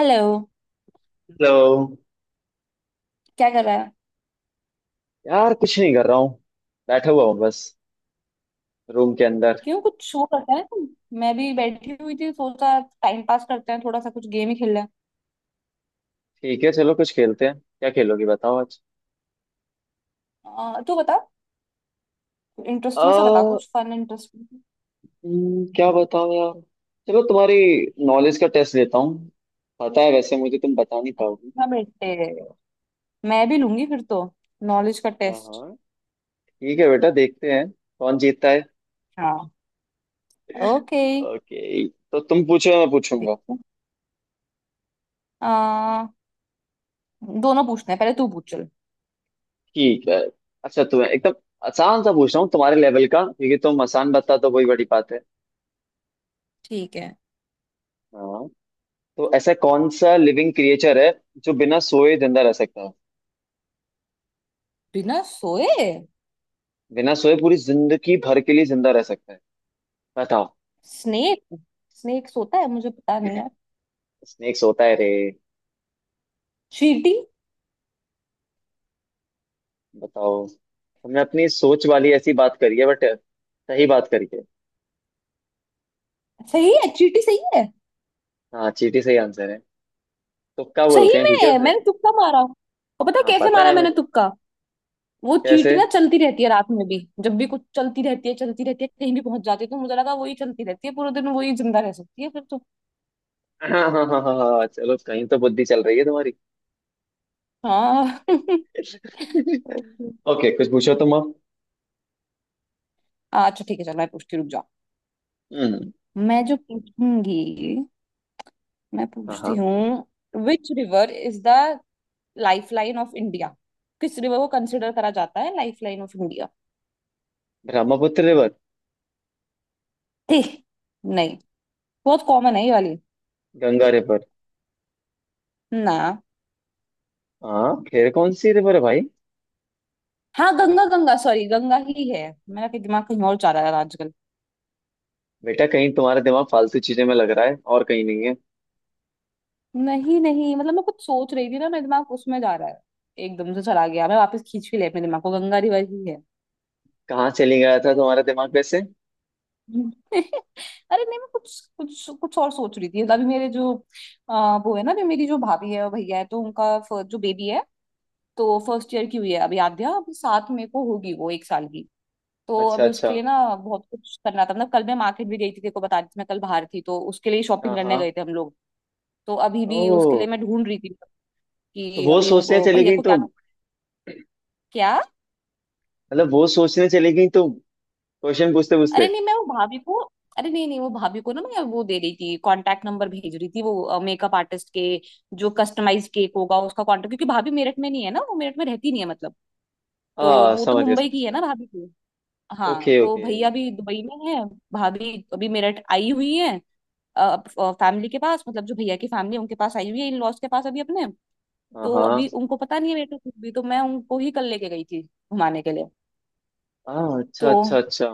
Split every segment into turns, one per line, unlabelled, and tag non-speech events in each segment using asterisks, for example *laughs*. Hello.
Hello.
क्या कर रहा है?
यार कुछ नहीं कर रहा हूँ। बैठा हुआ हूँ बस। रूम के अंदर।
क्यों कुछ शो करता है तुम? मैं भी बैठी हुई थी, सोचा टाइम पास करते हैं, थोड़ा सा कुछ गेम ही खेल लें।
ठीक है चलो कुछ खेलते हैं। क्या खेलोगी बताओ आज?
तू बता। इंटरेस्टिंग सा बता,
आ,
कुछ फन इंटरेस्टिंग।
क्या बताओ यार। चलो तुम्हारी नॉलेज का टेस्ट लेता हूँ। पता है वैसे मुझे तुम बता नहीं पाओगी।
हाँ बेटे, मैं भी लूंगी फिर तो, नॉलेज का
हाँ
टेस्ट।
हाँ, ठीक है बेटा देखते हैं कौन जीतता है।
हाँ। ओके।
ओके तो तुम पूछो या मैं पूछूंगा?
देखो, आ, दोनों पूछना है, पहले तू पूछ, चल।
ठीक है। अच्छा तुम्हें एकदम आसान सा पूछ रहा हूँ तुम्हारे लेवल का, क्योंकि तुम आसान बता तो वही बड़ी बात है।
ठीक है।
हाँ। तो ऐसा कौन सा लिविंग क्रिएचर है जो बिना सोए जिंदा रह सकता है?
बिना सोए?
बिना सोए पूरी जिंदगी भर के लिए जिंदा रह सकता है, बताओ।
स्नेक। स्नेक सोता है मुझे पता नहीं यार।
स्नेक्स होता है रे?
चींटी।
बताओ, हमने अपनी सोच वाली ऐसी बात करी है बट सही बात करी है।
सही है, चींटी सही है।
हाँ चींटी सही आंसर है। तुक्का बोलते
सही
हैं ठीक है
में
उसे।
मैंने तुक्का मारा, और पता है
हाँ
कैसे
पता
मारा
है
मैंने
मुझे।
तुक्का? वो चींटी
कैसे?
ना चलती रहती है रात में भी। जब भी कुछ चलती रहती है चलती रहती है, कहीं भी पहुंच जाती है, तो मुझे लगा वही चलती रहती है पूरे दिन, वही जिंदा रह सकती है फिर तो।
*laughs* हाँ हाँ हाँ हाँ हाँ, चलो कहीं तो बुद्धि चल रही है तुम्हारी।
हाँ *laughs*
*laughs*
ओके।
ओके कुछ पूछो तुम अब।
अच्छा ठीक है, चल मैं पूछती हूँ, रुक जाओ।
हम्म।
मैं जो पूछूंगी। मैं
हाँ
पूछती
हाँ।
हूँ, which river is the life line of India? किस रिवर को कंसिडर करा जाता है life line of India?
Brahmaputra river.
ठीक। नहीं। बहुत कॉमन है ये वाली।
गंगा रिवर।
ना।
हाँ फिर कौन सी रिवर है भाई?
हाँ गंगा, गंगा सॉरी, गंगा ही है। मेरा कि दिमाग कहीं और जा रहा है आजकल।
बेटा कहीं तुम्हारा दिमाग फालतू चीजों में लग रहा है और कहीं नहीं है।
नहीं नहीं, मतलब मैं कुछ सोच रही थी ना, मेरा दिमाग उसमें जा रहा है। एकदम से चला गया, मैं वापस खींच भी ले अपने दिमाग को, गंगा रिवर ही है।
कहाँ चली गया था तुम्हारा दिमाग वैसे?
*laughs* अरे नहीं, मैं कुछ कुछ कुछ और सोच रही थी, अभी मेरे जो वो है ना, अभी मेरी जो भाभी है और भैया है, तो उनका जो बेबी है, तो फर्स्ट ईयर की हुई है अभी। आद्या अभी 7 मई को होगी वो एक साल की। तो
अच्छा
अभी
अच्छा।
उसके लिए ना बहुत कुछ करना था, मतलब कल मैं मार्केट भी गई थी, तेरे को बता रही थी मैं, कल बाहर थी, तो उसके लिए शॉपिंग
हाँ हाँ।
करने गए थे हम लोग। तो अभी भी उसके लिए
ओ।
मैं ढूंढ रही थी,
तो
कि
वो
अभी
सोचने
उनको
चली
भैया
गई
को क्या,
तुम?
क्या?
मतलब वो सोचने चली गई तुम क्वेश्चन पूछते
अरे
पूछते?
नहीं, मैं वो भाभी को। अरे नहीं नहीं, वो भाभी को ना मैं वो दे रही थी, कांटेक्ट नंबर भेज रही थी वो मेकअप आर्टिस्ट के। जो कस्टमाइज केक होगा उसका कांटेक्ट, क्योंकि भाभी मेरठ में नहीं है ना, वो मेरठ में रहती नहीं है मतलब। तो
हाँ
वो तो
समझ गया
मुंबई
समझ
की है
गया।
ना, भाभी की। हाँ,
ओके
तो
ओके।
भैया भी दुबई में है। भाभी अभी मेरठ आई हुई है। फैमिली के पास, मतलब जो भैया की फैमिली, उनके पास आई हुई है, इन लॉज के पास अभी अपने।
हाँ
तो
हाँ
अभी उनको पता नहीं है, मेरे को कुछ भी, तो मैं उनको ही कल लेके गई थी घुमाने के लिए।
हाँ।
तो
अच्छा अच्छा अच्छा।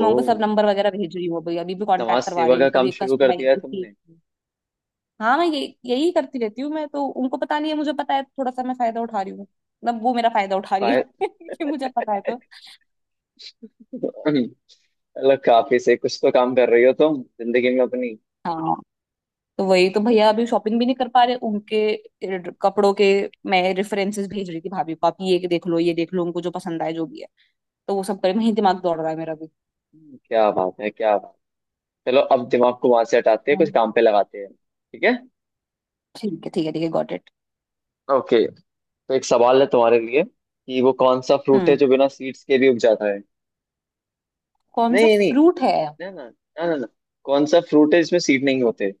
मैं उनको सब नंबर वगैरह भेज रही हूँ अभी, अभी भी
समाज
कांटेक्ट करवा
सेवा
रही
का
हूँ,
काम
कभी
शुरू कर दिया
कस्टमाइज।
है तुमने।
हाँ, मैं यही यही करती रहती हूँ मैं तो, उनको पता नहीं है, मुझे पता है, तो थोड़ा सा मैं फायदा उठा रही हूँ, मतलब वो मेरा फायदा उठा रही है
फाय-
*laughs* कि मुझे पता है तो।
*laughs* मतलब काफी से कुछ तो काम कर रही हो तुम जिंदगी में अपनी।
हाँ। तो वही तो भैया अभी शॉपिंग भी नहीं कर पा रहे उनके कपड़ों के। मैं रेफरेंसेस भेज रही थी भाभी को, आप ये देख लो ये देख लो, उनको जो पसंद आए जो भी है। तो वो सब करे, वही दिमाग दौड़ रहा है मेरा भी।
क्या बात है क्या। चलो अब दिमाग को वहां से हटाते हैं,
हाँ।
कुछ काम पे लगाते हैं ठीक है।
ठीक है ठीक है ठीक है, गॉट इट।
ओके। तो एक सवाल है तुम्हारे लिए कि वो कौन सा फ्रूट है
हम्म
जो बिना सीड्स के भी उग जाता है?
कौन सा
नहीं नहीं। नहीं
फ्रूट है?
ना ना। ना ना ना। कौन सा फ्रूट है जिसमें सीड नहीं होते?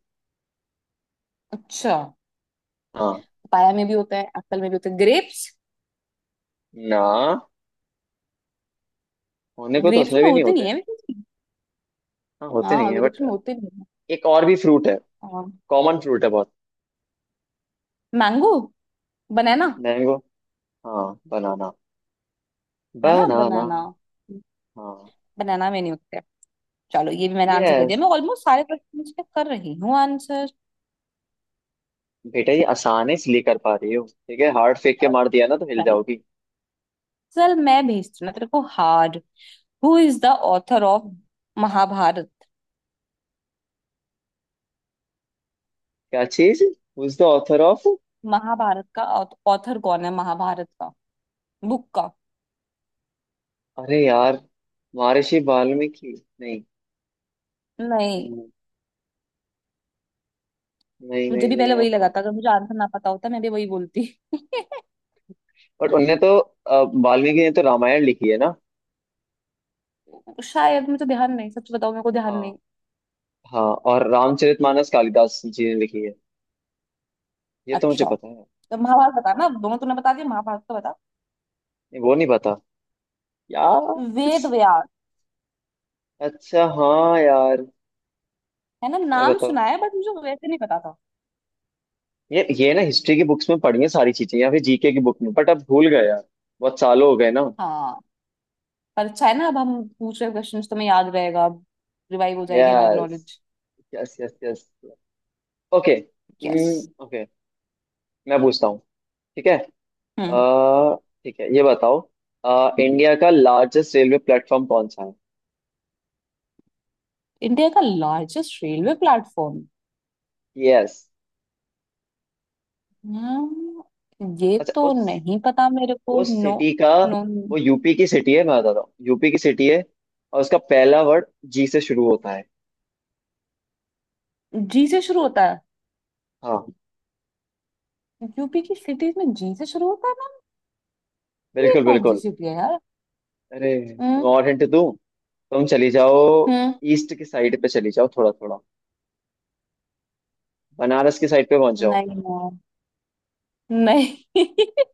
अच्छा।
हाँ।
पाया में भी होता है, एप्पल में भी होता है, ग्रेप्स।
ना। होने को तो
ग्रेप्स
उसमें
में
भी नहीं
होते नहीं
होते।
है वैसे।
हाँ होते
हाँ
नहीं है
ग्रेप्स
बट
में होते नहीं है।
एक और भी फ्रूट है।
हाँ।
कॉमन फ्रूट है बहुत।
मैंगो। बनाना।
मैंगो। हाँ बनाना।
है ना,
बनाना।
बनाना।
हाँ।
बनाना में नहीं होते। चलो, ये भी मैंने आंसर कर दिया,
यस।
मैं ऑलमोस्ट सारे क्वेश्चन के कर रही हूँ आंसर।
बेटा ये आसान है इसलिए कर पा रही हो। ठीक है हार्ड फेंक के मार
ओके।
दिया ना तो हिल
चलो।
जाओगी।
चल मैं भेजती हूँ ना तेरे को hard. Who is the author of Mahabharata?
क्या चीज? Who is the author of?
Mahabharata का ऑथर कौन है, महाभारत का बुक का?
अरे यार। महर्षि वाल्मीकि। नहीं।
नहीं।
हम्म, नहीं
मुझे
नहीं
भी
नहीं
पहले वही
यार
लगा
कौन?
था, अगर मुझे आंसर ना पता होता मैं भी वही बोलती। *laughs*
बट उनने तो वाल्मीकि ने तो रामायण लिखी है ना?
शायद मुझे ध्यान नहीं, सच बताओ मेरे को ध्यान
हाँ।
नहीं।
हाँ। और रामचरितमानस कालिदास जी ने लिखी है। ये तो मुझे
अच्छा।
पता है।
तो महाभारत बता
हाँ।
ना, दोनों तूने बता दिया, महाभारत तो बता।
नहीं, वो नहीं पता यार।
वेद व्यास।
अच्छा हाँ यार।
है ना,
यार
नाम
बताओ।
सुना है बट मुझे वैसे नहीं पता था।
ये ना हिस्ट्री की बुक्स में पढ़ी है सारी चीजें या फिर जीके की बुक में, बट अब भूल गए यार। बहुत सालों हो गए ना।
हाँ। पर अच्छा है ना, अब हम पूछ रहे क्वेश्चन, तुम्हें याद रहेगा। रिवाइव हो जाएगी हमारी
yes
knowledge.
Yes yes yes. Okay
yes.
Okay मैं पूछता हूँ ठीक है।
हम्म
अ, ठीक है ये बताओ। इंडिया का लार्जेस्ट रेलवे प्लेटफॉर्म कौन सा है?
इंडिया का लार्जेस्ट रेलवे प्लेटफॉर्म?
यस।
ये
अच्छा
तो
उस
नहीं पता मेरे को,
उस
नो।
सिटी का।
नो।
वो यूपी की सिटी है, मैं बता रहा हूँ यूपी की सिटी है। और उसका पहला वर्ड जी से शुरू होता है।
जी से शुरू होता है?
हाँ।
यूपी की सिटीज में जी से शुरू होता है ना। ये
बिल्कुल
कौन सी
बिल्कुल।
सिटी है यार?
अरे
हम्म।
तुम्हें और हिंट दूँ? तुम चली जाओ।
हम्म,
ईस्ट की साइड पे चली जाओ थोड़ा थोड़ा, बनारस की साइड पे पहुंच जाओ।
नहीं ना, नहीं *laughs*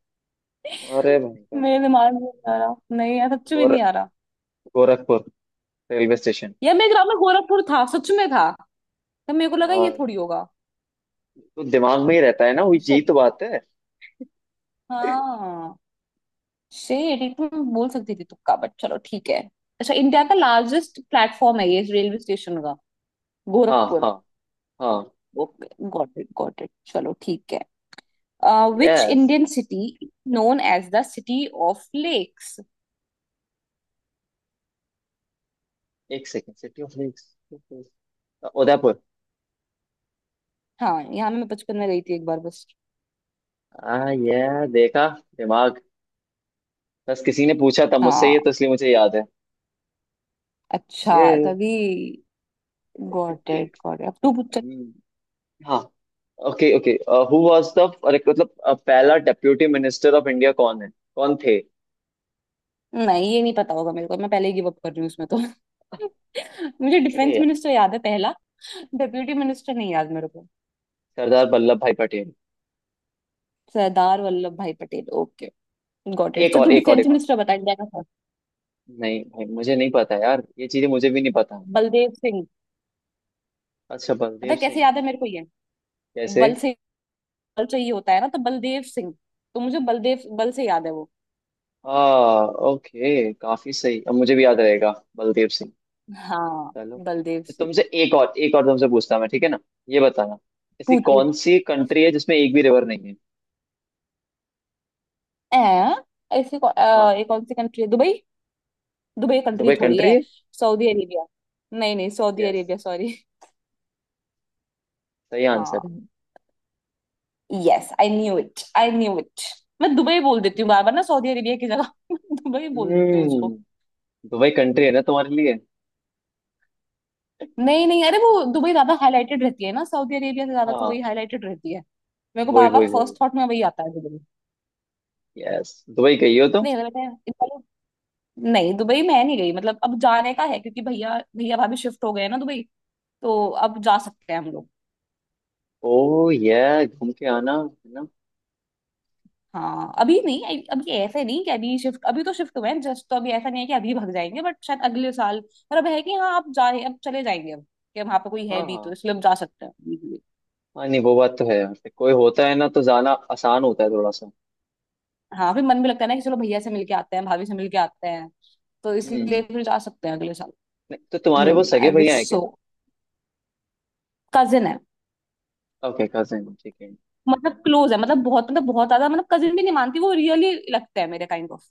अरे भयंकर।
मेरे दिमाग में नहीं आ रहा, नहीं यार सच में
गोर
नहीं आ रहा।
Gorakhpur railway station.
यार मेरे ग्राम में गोरखपुर था, सच में था। तब मेरे को लगा ये
हाँ
थोड़ी होगा।
तो दिमाग में ही रहता है ना, वही जी
शेट।
तो बात है।
हाँ। शेट, ये तुम बोल सकती थी तुक्का बट चलो ठीक है। अच्छा, इंडिया का लार्जेस्ट प्लेटफॉर्म है ये रेलवे स्टेशन का,
हाँ
गोरखपुर।
हाँ हाँ।
Okay got it got it, चलो ठीक है। Which
yes.
Indian city known as the city of lakes?
एक second, city of lakes. Udaipur.
हाँ, यहाँ मैं बचपन में गई थी एक बार बस।
आ ये देखा दिमाग। बस किसी ने पूछा था मुझसे
हाँ।
ये, तो इसलिए मुझे याद है
अच्छा।
ये।
तभी। गॉट इट गॉट इट, अब तू पूछ, चल-।
हम्म, हाँ okay okay. Who was the, अरे मतलब पहला डेप्यूटी मिनिस्टर ऑफ इंडिया कौन है? कौन थे?
नहीं, ये नहीं पता होगा मेरे को, मैं पहले ही गिव अप कर रही हूँ उसमें तो। *laughs* मुझे
अरे
डिफेंस
यार।
मिनिस्टर याद है पहला। डेप्यूटी मिनिस्टर नहीं याद मेरे को।
सरदार Vallabhbhai Patel.
Sardar Vallabhbhai Patel, okay. Got it,
एक
चल तू
और एक और
डिफेंस
एक और।
मिनिस्टर बता, इंडिया का था।
नहीं भाई मुझे नहीं पता यार, ये चीजें मुझे भी नहीं पता।
बलदेव सिंह।
अच्छा
पता
बलदेव
है कैसे
सिंह।
याद है मेरे को ये?
कैसे?
बल से। बल चाहिए होता है ना, तो बलदेव सिंह। तो मुझे बलदेव बल से याद है वो।
हाँ। ओके काफी सही, अब मुझे भी याद रहेगा। बलदेव सिंह।
हाँ।
चलो।
बलदेव
तो
सिंह।
तुमसे एक और तुमसे पूछता हूं मैं, ठीक है ना? ये बताना, ऐसी
पूछ पूछ।
कौन सी कंट्री है जिसमें एक भी रिवर नहीं है?
ऐ।
हाँ।
ये कौन सी कंट्री है, दुबई? दुबई कंट्री
दुबई
थोड़ी
कंट्री
है।
है?
Saudi Arabia. नहीं नहीं, सऊदी
यस
अरेबिया, सॉरी।
सही
हाँ।
आंसर है।
Yes I knew it, I knew it. मैं दुबई बोल देती हूँ बार बार ना, सऊदी अरेबिया की जगह *laughs* दुबई बोल देती हूँ
हम्म
उसको।
दुबई कंट्री है ना तुम्हारे लिए।
नहीं नहीं, अरे वो दुबई ज्यादा हाईलाइटेड रहती है ना, सऊदी अरेबिया से ज्यादा, तो वही
हाँ।
हाईलाइटेड रहती है। मेरे को
वही
बार बार
वही वही।
फर्स्ट थॉट में वही आता है, दुबई।
यस दुबई गई हो तुम?
नहीं अरे बेटा नहीं, दुबई मैं नहीं गई, मतलब अब जाने का है क्योंकि भैया, भैया भाभी शिफ्ट हो गए हैं ना दुबई, तो अब जा सकते हैं हम लोग।
ओ ये घूम के आना है ना।
हाँ अभी नहीं, अभी अभी ऐसे नहीं कि अभी शिफ्ट, अभी तो शिफ्ट हुए हैं जस्ट, तो अभी ऐसा नहीं है कि अभी भाग जाएंगे, बट शायद अगले साल। पर अब है कि हाँ, आप जा, अब चले जाएंगे अब, कि वहां पे कोई है
हाँ
भी तो,
हाँ।
इसलिए हम जा सकते हैं easily।
हाँ नहीं वो बात तो है यार, फिर कोई होता है ना तो जाना आसान होता है थोड़ा सा।
हाँ, फिर मन भी लगता है ना कि चलो भैया से मिलके आते हैं, भाभी से मिलके आते हैं, तो इसलिए
हम्म।
फिर जा सकते हैं अगले साल।
नहीं, तो तुम्हारे वो सगे
आई
भैया
विश
है क्या?
सो। कजिन है।
ओके कजिन ठीक है।
मतलब क्लोज है, मतलब बहुत, मतलब बहुत ज्यादा, मतलब कजिन भी नहीं मानती वो, रियली लगते हैं मेरे काइंड ऑफ।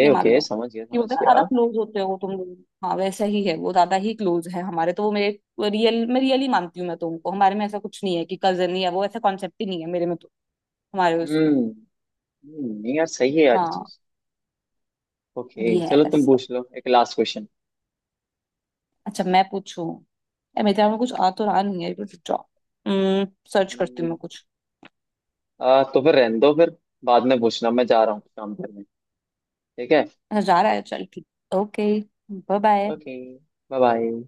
ये मान लो
ओके समझ गया
कि होता
समझ
है ना, ज्यादा
गया।
क्लोज होते हो तुम लोग। हाँ वैसा ही है, वो ज्यादा ही क्लोज है हमारे, तो वो मेरे रियल, मैं रियली मानती हूँ मैं तुमको, हमारे में ऐसा कुछ नहीं है कि कजन या वो, ऐसा कॉन्सेप्ट ही नहीं है मेरे में तो। हमारे उसमें।
हम्म नहीं यार सही है यार ये
हाँ।
चीज। ओके चलो
यस।
तुम पूछ लो एक लास्ट क्वेश्चन।
अच्छा मैं पूछूं? यार मेरे दिमाग में कुछ आ तो रहा नहीं है, बस जाओ, सर्च करती हूँ मैं कुछ।
तो फिर रहने दो फिर। बाद में पूछना, मैं जा रहा हूँ काम करने। ठीक है।
अच्छा, जा रहा है, चल ठीक। Okay. Bye bye.
Okay bye bye.